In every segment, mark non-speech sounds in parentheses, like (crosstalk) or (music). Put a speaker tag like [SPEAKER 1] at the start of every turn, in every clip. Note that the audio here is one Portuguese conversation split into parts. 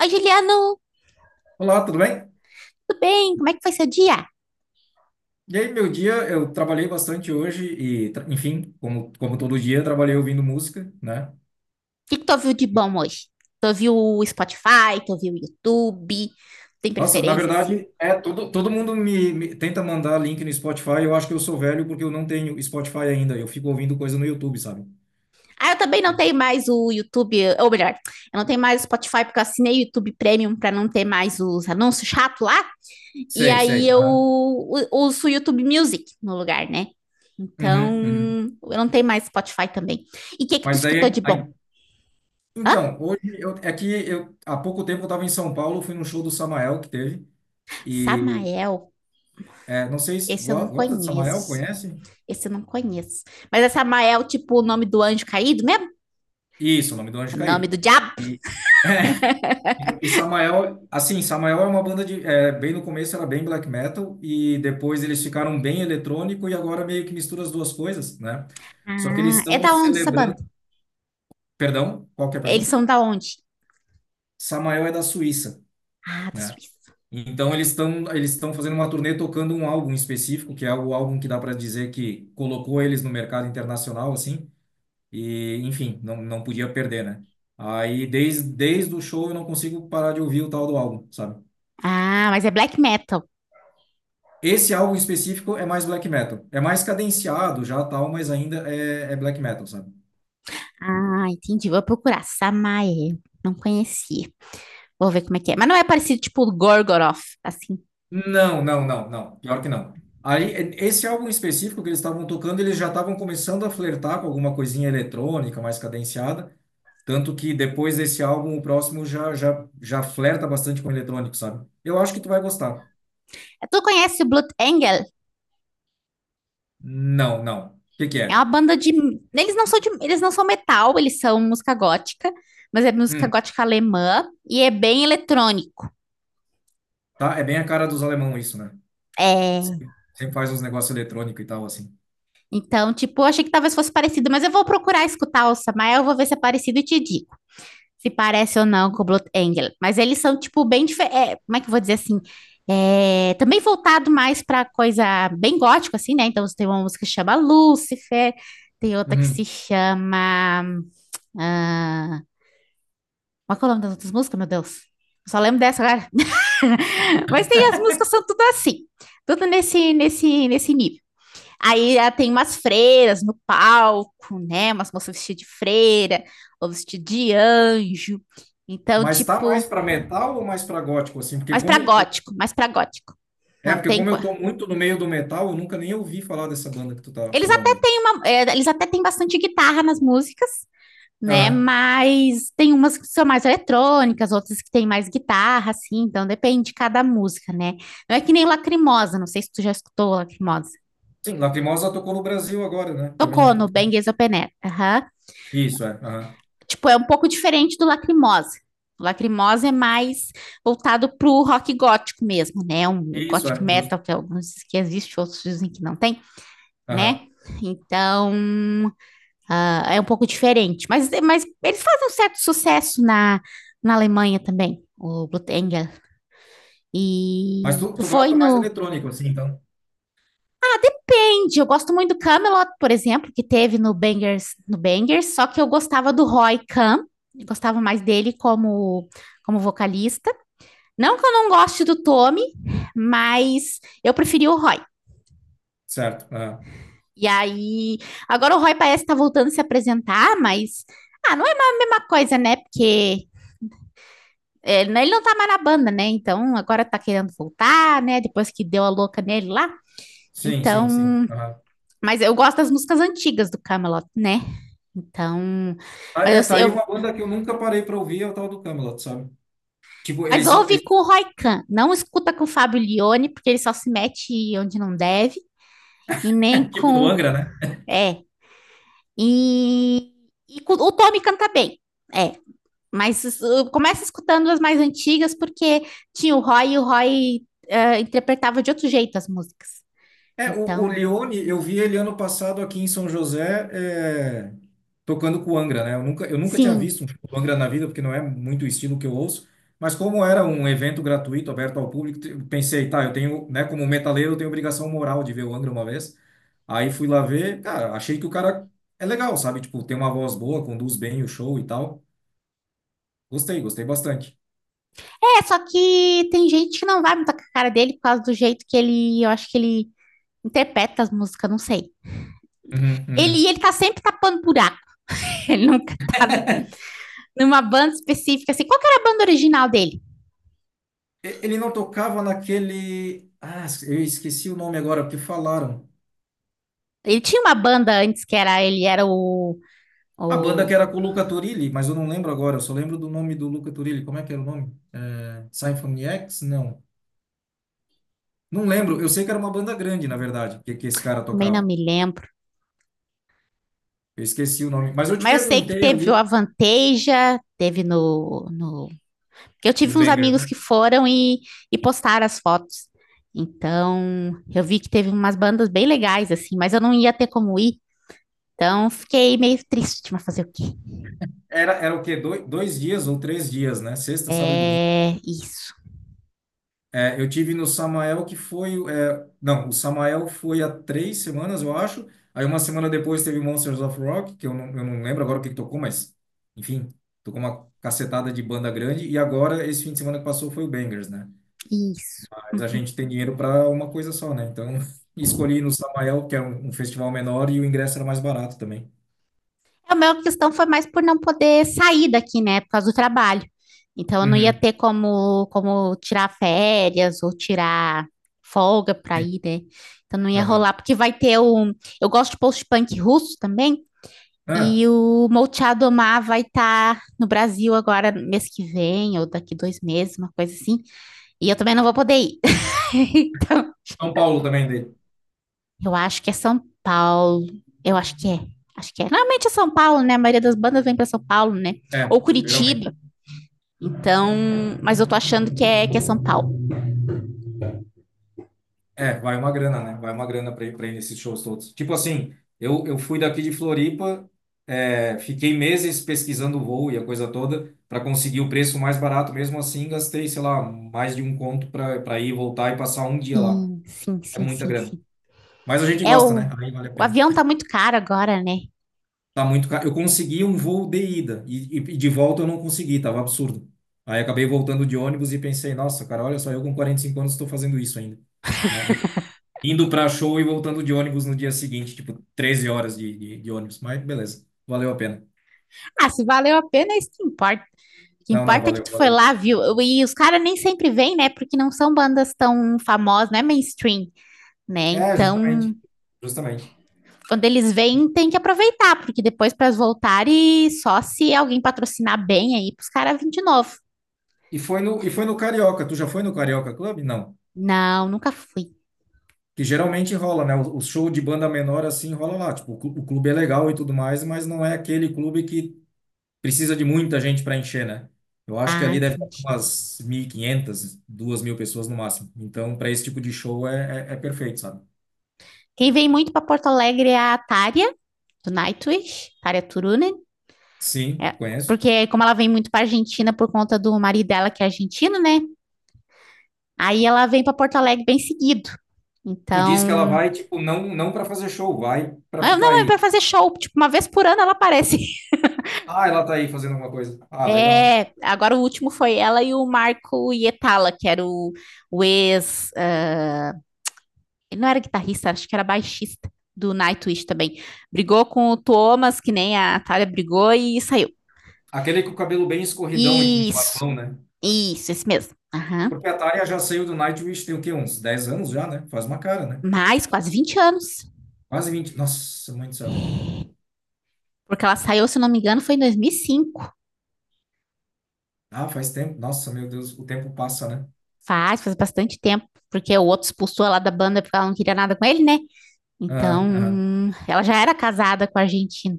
[SPEAKER 1] Oi, Juliano,
[SPEAKER 2] Olá, tudo bem?
[SPEAKER 1] tudo bem? Como é que foi seu dia? O
[SPEAKER 2] E aí, meu dia, eu trabalhei bastante hoje e, enfim, como todo dia, eu trabalhei ouvindo música, né?
[SPEAKER 1] que que tu ouviu de bom hoje? Tu ouviu o Spotify, tu ouviu o YouTube? Tem
[SPEAKER 2] Nossa, na
[SPEAKER 1] preferência, assim?
[SPEAKER 2] verdade, é todo mundo me tenta mandar link no Spotify. Eu acho que eu sou velho porque eu não tenho Spotify ainda. Eu fico ouvindo coisa no YouTube, sabe?
[SPEAKER 1] Ah, eu também não tenho mais o YouTube, ou melhor, eu não tenho mais o Spotify porque eu assinei o YouTube Premium para não ter mais os anúncios chato lá. E
[SPEAKER 2] Sei,
[SPEAKER 1] aí
[SPEAKER 2] sei.
[SPEAKER 1] eu
[SPEAKER 2] Aham.
[SPEAKER 1] uso o YouTube Music no lugar, né? Então,
[SPEAKER 2] Uhum, uhum.
[SPEAKER 1] eu não tenho mais Spotify também. E o que que tu
[SPEAKER 2] Mas
[SPEAKER 1] escutou
[SPEAKER 2] daí,
[SPEAKER 1] de bom?
[SPEAKER 2] aí,
[SPEAKER 1] Hã?
[SPEAKER 2] então, hoje eu, é que eu há pouco tempo eu estava em São Paulo, fui num show do Samael que teve e
[SPEAKER 1] Samael,
[SPEAKER 2] é, não sei se
[SPEAKER 1] esse eu não
[SPEAKER 2] gosta de Samael,
[SPEAKER 1] conheço.
[SPEAKER 2] conhece?
[SPEAKER 1] Esse eu não conheço. Mas essa Mael, tipo, o nome do anjo caído mesmo?
[SPEAKER 2] Isso, o nome do
[SPEAKER 1] O
[SPEAKER 2] anjo
[SPEAKER 1] nome do
[SPEAKER 2] caído.
[SPEAKER 1] diabo?
[SPEAKER 2] E, (laughs) e Samael, assim, Samael é uma banda de, é, bem no começo era bem black metal e depois eles ficaram bem eletrônico e agora meio que mistura as duas coisas, né? Só que eles
[SPEAKER 1] Ah, é
[SPEAKER 2] estão
[SPEAKER 1] da onde essa banda?
[SPEAKER 2] celebrando, perdão, qual que é a
[SPEAKER 1] Eles
[SPEAKER 2] pergunta?
[SPEAKER 1] são da onde?
[SPEAKER 2] Samael é da Suíça,
[SPEAKER 1] Ah, da
[SPEAKER 2] né?
[SPEAKER 1] Suíça.
[SPEAKER 2] Então eles estão fazendo uma turnê tocando um álbum específico, que é o álbum que dá para dizer que colocou eles no mercado internacional, assim. E, enfim, não, não podia perder, né? Aí, desde o show, eu não consigo parar de ouvir o tal do álbum, sabe?
[SPEAKER 1] Ah, mas é black metal.
[SPEAKER 2] Esse álbum específico é mais black metal. É mais cadenciado já, tal, mas ainda é black metal, sabe?
[SPEAKER 1] Ah, entendi. Vou procurar. Samael. Não conhecia. Vou ver como é que é. Mas não é parecido, tipo, Gorgoroth, assim.
[SPEAKER 2] Não, não, não, não. Pior que não. Aí, esse álbum específico que eles estavam tocando, eles já estavam começando a flertar com alguma coisinha eletrônica mais cadenciada. Tanto que depois desse álbum, o próximo já flerta bastante com eletrônico, sabe? Eu acho que tu vai gostar.
[SPEAKER 1] É, tu conhece o Blood Angel?
[SPEAKER 2] Não, não. O que que
[SPEAKER 1] É uma
[SPEAKER 2] é?
[SPEAKER 1] banda de. Eles não são de, eles não são metal, eles são música gótica, mas é música
[SPEAKER 2] Hum.
[SPEAKER 1] gótica alemã e é bem eletrônico.
[SPEAKER 2] Tá? É bem a cara dos alemão isso, né?
[SPEAKER 1] É,
[SPEAKER 2] Sempre faz uns negócios eletrônicos e tal, assim.
[SPEAKER 1] então, tipo, eu achei que talvez fosse parecido, mas eu vou procurar escutar o Samael, eu vou ver se é parecido e te digo se parece ou não com o Blood Angel. Mas eles são, tipo, bem diferentes. Como é que eu vou dizer, assim? É, também voltado mais pra coisa bem gótico, assim, né? Então, tem uma música que chama Lúcifer, tem outra que se
[SPEAKER 2] Uhum.
[SPEAKER 1] chama. Ah, qual é o nome das outras músicas, meu Deus? Eu só lembro dessa agora. (laughs) Mas tem as músicas, são tudo assim, tudo nesse nível. Aí, ah, tem umas freiras no palco, né? Umas moças vestidas de freira, ou vestidas de anjo. Então,
[SPEAKER 2] Mas tá
[SPEAKER 1] tipo,
[SPEAKER 2] mais para metal ou mais para gótico, assim? Porque
[SPEAKER 1] mais pra
[SPEAKER 2] como...
[SPEAKER 1] gótico, mais pra gótico.
[SPEAKER 2] É,
[SPEAKER 1] Não
[SPEAKER 2] porque
[SPEAKER 1] tem.
[SPEAKER 2] como eu tô muito no meio do metal, eu nunca nem ouvi falar dessa banda que tu tá
[SPEAKER 1] Eles
[SPEAKER 2] falando
[SPEAKER 1] até
[SPEAKER 2] aí.
[SPEAKER 1] têm uma, é, eles até têm bastante guitarra nas músicas, né?
[SPEAKER 2] Aham.
[SPEAKER 1] Mas tem umas que são mais eletrônicas, outras que têm mais guitarra, assim. Então depende de cada música, né? Não é que nem Lacrimosa. Não sei se tu já escutou Lacrimosa.
[SPEAKER 2] Sim, Lacrimosa tocou no Brasil agora, né? Também
[SPEAKER 1] Tocou
[SPEAKER 2] há
[SPEAKER 1] no
[SPEAKER 2] pouco
[SPEAKER 1] Bang
[SPEAKER 2] tempo.
[SPEAKER 1] Is Open Air. Aham.
[SPEAKER 2] Isso, é. Aham.
[SPEAKER 1] Tipo, é um pouco diferente do Lacrimosa. O Lacrimosa é mais voltado pro rock gótico mesmo, né? Um
[SPEAKER 2] Isso,
[SPEAKER 1] gothic
[SPEAKER 2] é,
[SPEAKER 1] metal
[SPEAKER 2] justo.
[SPEAKER 1] que alguns que existe, outros dizem que não tem,
[SPEAKER 2] Aham.
[SPEAKER 1] né? Então, ah, é um pouco diferente. Mas eles fazem um certo sucesso na, Alemanha também, o Blutengel.
[SPEAKER 2] Mas
[SPEAKER 1] E
[SPEAKER 2] tu,
[SPEAKER 1] tu
[SPEAKER 2] tu
[SPEAKER 1] foi
[SPEAKER 2] gosta mais
[SPEAKER 1] no
[SPEAKER 2] eletrônico, assim, então?
[SPEAKER 1] eu gosto muito do Camelot, por exemplo, que teve no Bangers, só que eu gostava do Roy Khan, eu gostava mais dele como como vocalista. Não que eu não goste do Tommy, mas eu preferi o Roy.
[SPEAKER 2] Certo. Aham.
[SPEAKER 1] E aí, agora o Roy parece estar voltando a se apresentar, mas, ah, não é a mesma coisa, né? Porque é, né, ele não tá mais na banda, né? Então agora tá querendo voltar, né? Depois que deu a louca nele lá.
[SPEAKER 2] Sim, sim, sim.
[SPEAKER 1] Então,
[SPEAKER 2] Aham.
[SPEAKER 1] mas eu gosto das músicas antigas do Camelot, né? Então,
[SPEAKER 2] Ah, é,
[SPEAKER 1] mas
[SPEAKER 2] tá aí
[SPEAKER 1] eu
[SPEAKER 2] uma banda que eu nunca parei para ouvir, é o tal do Camelot, sabe? Tipo,
[SPEAKER 1] Mas
[SPEAKER 2] eles são,
[SPEAKER 1] ouve com o Roy Khan, não escuta com o Fábio Lione, porque ele só se mete onde não deve, e nem
[SPEAKER 2] (laughs) tipo, no
[SPEAKER 1] com,
[SPEAKER 2] Angra, né?
[SPEAKER 1] é, E, o Tommy canta bem, é. Mas começa escutando as mais antigas, porque tinha o Roy e o Roy interpretava de outro jeito as músicas.
[SPEAKER 2] É, o
[SPEAKER 1] Então,
[SPEAKER 2] Lione, eu vi ele ano passado aqui em São José, é, tocando com o Angra, né? Eu nunca tinha
[SPEAKER 1] sim.
[SPEAKER 2] visto um show do Angra na vida, porque não é muito o estilo que eu ouço, mas como era um evento gratuito, aberto ao público, eu pensei, tá, eu tenho, né, como metaleiro, eu tenho obrigação moral de ver o Angra uma vez. Aí fui lá ver, cara, achei que o cara é legal, sabe? Tipo, tem uma voz boa, conduz bem o show e tal. Gostei, gostei bastante.
[SPEAKER 1] É, só que tem gente que não vai muito com a cara dele por causa do jeito que ele, eu acho que ele interpreta as músicas, não sei.
[SPEAKER 2] Uhum, uhum.
[SPEAKER 1] Ele tá sempre tapando buraco. (laughs) Ele nunca tá numa banda específica, assim. Qual que era a banda original dele?
[SPEAKER 2] Ele não tocava naquele. Ah, eu esqueci o nome agora, porque falaram.
[SPEAKER 1] Ele tinha uma banda antes que era, ele era o,
[SPEAKER 2] A banda
[SPEAKER 1] o...
[SPEAKER 2] que era com o Luca Turilli, mas eu não lembro agora, eu só lembro do nome do Luca Turilli. Como é que era o nome? É, Symphony X? Não. Não lembro, eu sei que era uma banda grande, na verdade, que esse cara
[SPEAKER 1] Também não
[SPEAKER 2] tocava.
[SPEAKER 1] me lembro.
[SPEAKER 2] Eu esqueci o nome, mas eu te
[SPEAKER 1] Mas eu sei que
[SPEAKER 2] perguntei
[SPEAKER 1] teve o
[SPEAKER 2] ali
[SPEAKER 1] Avanteja, teve no, no. Que eu
[SPEAKER 2] no
[SPEAKER 1] tive uns
[SPEAKER 2] Banger,
[SPEAKER 1] amigos que
[SPEAKER 2] né?
[SPEAKER 1] foram e postaram as fotos. Então, eu vi que teve umas bandas bem legais, assim, mas eu não ia ter como ir. Então, fiquei meio triste, mas fazer o quê?
[SPEAKER 2] Era o quê? Dois dias ou três dias, né? Sexta, sábado e domingo.
[SPEAKER 1] É isso,
[SPEAKER 2] É, eu tive no Samael que foi. É, não, o Samael foi há três semanas, eu acho. Aí uma semana depois teve Monsters of Rock, que eu não lembro agora o que que tocou, mas enfim, tocou uma cacetada de banda grande. E agora, esse fim de semana que passou, foi o Bangers, né?
[SPEAKER 1] isso.
[SPEAKER 2] Mas a gente tem dinheiro para uma coisa só, né? Então (laughs) escolhi ir no Samael, que é um festival menor, e o ingresso era mais barato também.
[SPEAKER 1] A minha questão foi mais por não poder sair daqui, né, por causa do trabalho. Então, eu não ia
[SPEAKER 2] Uhum,
[SPEAKER 1] ter como, como tirar férias ou tirar folga para
[SPEAKER 2] sim.
[SPEAKER 1] ir, né? Então, não ia
[SPEAKER 2] Aham.
[SPEAKER 1] rolar, porque vai ter o. Eu gosto de post-punk russo também,
[SPEAKER 2] Ah,
[SPEAKER 1] e o Molchado Omar vai estar no Brasil agora, mês que vem, ou daqui 2 meses, uma coisa assim. E eu também não vou poder ir. (laughs) Então,
[SPEAKER 2] São Paulo também dele.
[SPEAKER 1] eu acho que é São Paulo. Eu acho que é. Acho que é. Normalmente é São Paulo, né? A maioria das bandas vem para São Paulo, né?
[SPEAKER 2] É,
[SPEAKER 1] Ou
[SPEAKER 2] geralmente.
[SPEAKER 1] Curitiba. Então, mas eu tô achando que é São Paulo.
[SPEAKER 2] É, vai uma grana, né? Vai uma grana para ir pra ir nesses shows todos. Tipo assim, eu fui daqui de Floripa, é, fiquei meses pesquisando o voo e a coisa toda para conseguir o preço mais barato. Mesmo assim, gastei, sei lá, mais de um conto para ir, voltar e passar um dia lá.
[SPEAKER 1] Sim, sim,
[SPEAKER 2] É
[SPEAKER 1] sim,
[SPEAKER 2] muita
[SPEAKER 1] sim,
[SPEAKER 2] grana.
[SPEAKER 1] sim.
[SPEAKER 2] Mas a gente
[SPEAKER 1] É
[SPEAKER 2] gosta, né? Aí vale a
[SPEAKER 1] o
[SPEAKER 2] pena.
[SPEAKER 1] avião tá muito caro agora, né?
[SPEAKER 2] Tá muito caro. Eu consegui um voo de ida e de volta eu não consegui, tava absurdo. Aí acabei voltando de ônibus e pensei, nossa, cara, olha só, eu com 45 anos estou fazendo isso ainda. Né? Indo pra show e voltando de ônibus no dia seguinte, tipo, 13 horas de ônibus. Mas beleza, valeu a pena.
[SPEAKER 1] Ah, se valeu a pena, é isso que importa. O que
[SPEAKER 2] Não, não,
[SPEAKER 1] importa é que
[SPEAKER 2] valeu,
[SPEAKER 1] tu foi
[SPEAKER 2] valeu.
[SPEAKER 1] lá, viu? E os caras nem sempre vêm, né? Porque não são bandas tão famosas, não é mainstream, né?
[SPEAKER 2] É, justamente.
[SPEAKER 1] Então,
[SPEAKER 2] Justamente.
[SPEAKER 1] quando eles vêm, tem que aproveitar, porque depois para voltar e só se alguém patrocinar bem aí, pros caras virem de novo.
[SPEAKER 2] E foi no Carioca. Tu já foi no Carioca Club? Não.
[SPEAKER 1] Não, nunca fui.
[SPEAKER 2] Que geralmente rola, né? O show de banda menor assim rola lá. Tipo, o clube é legal e tudo mais, mas não é aquele clube que precisa de muita gente para encher, né? Eu acho que
[SPEAKER 1] Ah,
[SPEAKER 2] ali deve ter
[SPEAKER 1] entendi.
[SPEAKER 2] umas mil e quinhentas duas mil pessoas no máximo. Então, para esse tipo de show é perfeito, sabe?
[SPEAKER 1] Quem vem muito para Porto Alegre é a Tária, do Nightwish, Tária Turunen.
[SPEAKER 2] Sim,
[SPEAKER 1] É,
[SPEAKER 2] conheço.
[SPEAKER 1] porque como ela vem muito para Argentina por conta do marido dela que é argentino, né? Aí ela vem para Porto Alegre bem seguido.
[SPEAKER 2] Tu disse que ela
[SPEAKER 1] Então,
[SPEAKER 2] vai, tipo, não, não para fazer show, vai para
[SPEAKER 1] ah,
[SPEAKER 2] ficar
[SPEAKER 1] não, é
[SPEAKER 2] aí.
[SPEAKER 1] para fazer show, tipo, uma vez por ano ela aparece.
[SPEAKER 2] Ah, ela tá aí fazendo alguma coisa. Ah, legal.
[SPEAKER 1] É, agora o último foi ela e o Marco Hietala, que era o ex. Ah, ele não era guitarrista, acho que era baixista do Nightwish também. Brigou com o Thomas, que nem a Thalia brigou, e saiu.
[SPEAKER 2] Aquele com o cabelo bem escorridão e com um
[SPEAKER 1] Isso,
[SPEAKER 2] barbão, né?
[SPEAKER 1] isso, esse mesmo. Aham.
[SPEAKER 2] Porque a Tária já saiu do Nightwish tem o quê? Uns 10 anos já, né? Faz uma cara, né?
[SPEAKER 1] Mais quase 20 anos.
[SPEAKER 2] Quase vinte. Nossa, mãe do céu.
[SPEAKER 1] Porque ela saiu, se não me engano, foi em 2005.
[SPEAKER 2] Ah, faz tempo. Nossa, meu Deus, o tempo passa, né?
[SPEAKER 1] Faz, faz bastante tempo. Porque o outro expulsou ela da banda porque ela não queria nada com ele, né?
[SPEAKER 2] Aham, aham.
[SPEAKER 1] Então, ela já era casada com a Argentina.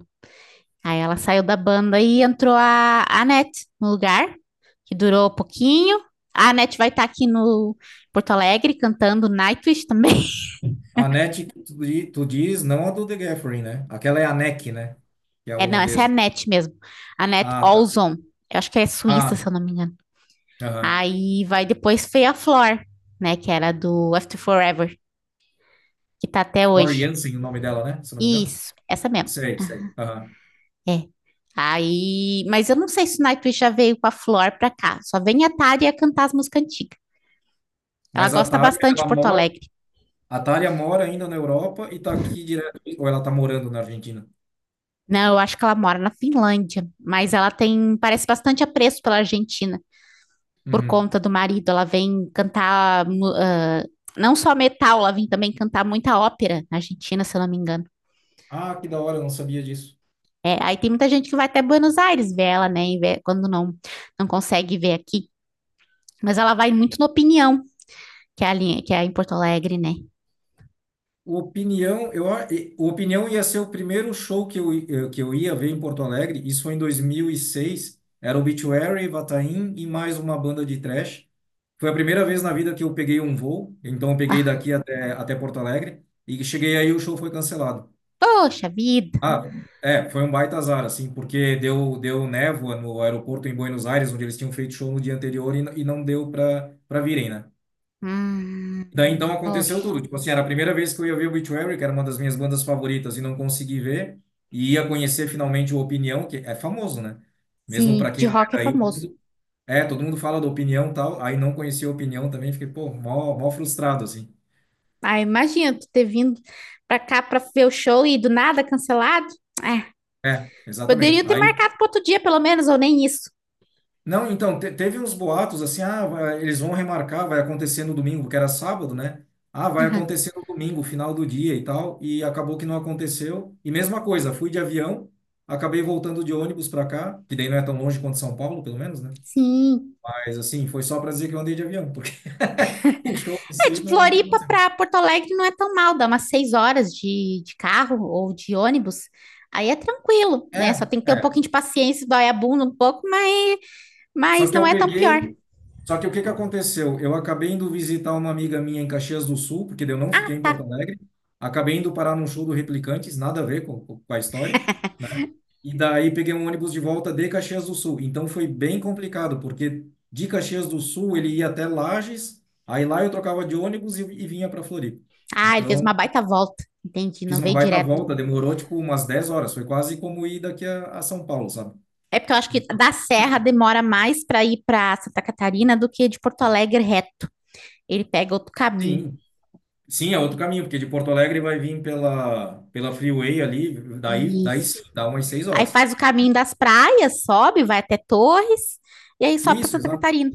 [SPEAKER 1] Aí ela saiu da banda e entrou a Anete no lugar, que durou pouquinho. A Anete vai estar tá aqui no Porto Alegre cantando Nightwish também. (laughs)
[SPEAKER 2] A NET, que tu diz, não a do The Gathering, né? Aquela é a NEC, né? Que é a
[SPEAKER 1] É, não, essa é a
[SPEAKER 2] holandesa.
[SPEAKER 1] Anete mesmo. Anete
[SPEAKER 2] Ah, tá.
[SPEAKER 1] Olson. Eu acho que é suíça,
[SPEAKER 2] Ah,
[SPEAKER 1] se eu
[SPEAKER 2] tá.
[SPEAKER 1] não me engano.
[SPEAKER 2] Aham.
[SPEAKER 1] Aí vai depois Feia Flor, né? Que era do After Forever, que tá até hoje.
[SPEAKER 2] Floriansen, o nome dela, né? Se eu não me engano.
[SPEAKER 1] Isso, essa mesmo.
[SPEAKER 2] Sei, sei. Aham.
[SPEAKER 1] É. Aí, mas eu não sei se o Nightwish já veio com a Flor pra cá. Só vem a Tária cantar as músicas antigas. Ela
[SPEAKER 2] Mas a
[SPEAKER 1] gosta
[SPEAKER 2] Thalia,
[SPEAKER 1] bastante de
[SPEAKER 2] ela
[SPEAKER 1] Porto
[SPEAKER 2] mora,
[SPEAKER 1] Alegre.
[SPEAKER 2] a Thalia mora ainda na Europa e tá aqui direto, ou ela tá morando na Argentina?
[SPEAKER 1] Não, eu acho que ela mora na Finlândia, mas ela tem, parece bastante apreço pela Argentina, por
[SPEAKER 2] Uhum.
[SPEAKER 1] conta do marido. Ela vem cantar, não só metal, ela vem também cantar muita ópera na Argentina, se eu não me engano.
[SPEAKER 2] Ah, que da hora, eu não sabia disso.
[SPEAKER 1] É, aí tem muita gente que vai até Buenos Aires ver ela, né, e quando não, não consegue ver aqui. Mas ela vai muito na Opinião, que é a linha, que é em Porto Alegre, né?
[SPEAKER 2] O Opinião, o Opinião ia ser o primeiro show que eu ia ver em Porto Alegre, isso foi em 2006, era Obituary, Vataim e mais uma banda de thrash. Foi a primeira vez na vida que eu peguei um voo, então eu peguei
[SPEAKER 1] Ah,
[SPEAKER 2] daqui até Porto Alegre, e cheguei aí o show foi cancelado.
[SPEAKER 1] poxa vida.
[SPEAKER 2] Ah, é, foi um baita azar, assim, porque deu névoa no aeroporto em Buenos Aires, onde eles tinham feito show no dia anterior e, e não deu pra virem, né?
[SPEAKER 1] Hum,
[SPEAKER 2] Daí então aconteceu
[SPEAKER 1] poxa.
[SPEAKER 2] tudo. Tipo assim, era a primeira vez que eu ia ver o Obituary, que era uma das minhas bandas favoritas, e não consegui ver, e ia conhecer finalmente o Opinião, que é famoso, né? Mesmo
[SPEAKER 1] Sim,
[SPEAKER 2] pra
[SPEAKER 1] de
[SPEAKER 2] quem não é
[SPEAKER 1] rock é
[SPEAKER 2] daí,
[SPEAKER 1] famoso.
[SPEAKER 2] todo mundo fala do Opinião e tal, aí não conhecia o Opinião também, fiquei, pô, mó frustrado, assim.
[SPEAKER 1] Ah, imagina tu ter vindo pra cá pra ver o show e do nada cancelado. Ah,
[SPEAKER 2] É, exatamente.
[SPEAKER 1] poderiam ter
[SPEAKER 2] Aí.
[SPEAKER 1] marcado para outro dia, pelo menos, ou nem isso.
[SPEAKER 2] Não, então, teve uns boatos assim, ah, eles vão remarcar, vai acontecer no domingo, que era sábado, né? Ah, vai
[SPEAKER 1] Aham.
[SPEAKER 2] acontecer no domingo, final do dia e tal, e acabou que não aconteceu. E mesma coisa, fui de avião, acabei voltando de ônibus para cá, que daí não é tão longe quanto São Paulo, pelo menos, né?
[SPEAKER 1] Sim.
[SPEAKER 2] Mas assim, foi só para dizer que eu andei de avião, porque (laughs) o show em
[SPEAKER 1] É,
[SPEAKER 2] si
[SPEAKER 1] de
[SPEAKER 2] não
[SPEAKER 1] Floripa
[SPEAKER 2] aconteceu.
[SPEAKER 1] pra Porto Alegre não é tão mal, dá umas 6 horas de, carro ou de ônibus. Aí é tranquilo, né? Só
[SPEAKER 2] É,
[SPEAKER 1] tem que ter um
[SPEAKER 2] é.
[SPEAKER 1] pouquinho de paciência, dói a bunda um pouco,
[SPEAKER 2] Só
[SPEAKER 1] mas
[SPEAKER 2] que
[SPEAKER 1] não
[SPEAKER 2] eu
[SPEAKER 1] é tão pior.
[SPEAKER 2] peguei, só que o que que aconteceu? Eu acabei indo visitar uma amiga minha em Caxias do Sul, porque eu não fiquei em
[SPEAKER 1] Tá.
[SPEAKER 2] Porto Alegre. Acabei indo parar num show do Replicantes, nada a ver com a história. E daí peguei um ônibus de volta de Caxias do Sul. Então foi bem complicado, porque de Caxias do Sul ele ia até Lages, aí lá eu trocava de ônibus e vinha para Floripa.
[SPEAKER 1] Ah, ele fez uma
[SPEAKER 2] Então
[SPEAKER 1] baita volta. Entendi,
[SPEAKER 2] fiz
[SPEAKER 1] não
[SPEAKER 2] uma
[SPEAKER 1] veio
[SPEAKER 2] baita
[SPEAKER 1] direto.
[SPEAKER 2] volta, demorou tipo umas 10 horas, foi quase como ir daqui a São Paulo, sabe?
[SPEAKER 1] É porque eu acho que
[SPEAKER 2] Então,
[SPEAKER 1] da Serra demora mais para ir para Santa Catarina do que de Porto Alegre reto. Ele pega outro caminho.
[SPEAKER 2] sim, sim, é outro caminho, porque de Porto Alegre vai vir pela Freeway ali, daí
[SPEAKER 1] Isso.
[SPEAKER 2] sim, dá umas seis
[SPEAKER 1] Aí
[SPEAKER 2] horas.
[SPEAKER 1] faz o caminho das praias, sobe, vai até Torres e aí sobe para
[SPEAKER 2] Isso,
[SPEAKER 1] Santa
[SPEAKER 2] exato.
[SPEAKER 1] Catarina.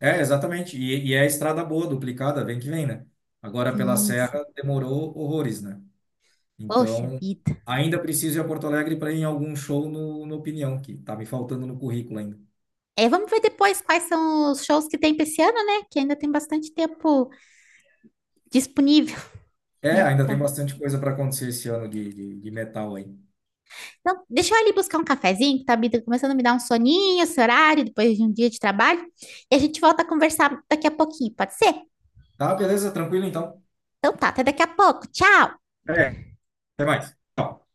[SPEAKER 2] É, exatamente. E é a estrada boa, duplicada, vem que vem, né? Agora pela
[SPEAKER 1] Sim, sim.
[SPEAKER 2] Serra demorou horrores, né?
[SPEAKER 1] Poxa
[SPEAKER 2] Então,
[SPEAKER 1] vida.
[SPEAKER 2] ainda preciso ir a Porto Alegre para ir em algum show no Opinião, que tá me faltando no currículo ainda.
[SPEAKER 1] É, vamos ver depois quais são os shows que tem pra esse ano, né? Que ainda tem bastante tempo disponível,
[SPEAKER 2] É,
[SPEAKER 1] né?
[SPEAKER 2] ainda tem
[SPEAKER 1] Pra.
[SPEAKER 2] bastante coisa para acontecer esse ano de metal aí.
[SPEAKER 1] Então, deixa eu ali buscar um cafezinho, que tá tá começando a me dar um soninho, esse horário, depois de um dia de trabalho. E a gente volta a conversar daqui a pouquinho, pode ser?
[SPEAKER 2] Tá, beleza, tranquilo então.
[SPEAKER 1] Então tá, até daqui a pouco. Tchau!
[SPEAKER 2] É, até mais. Tchau.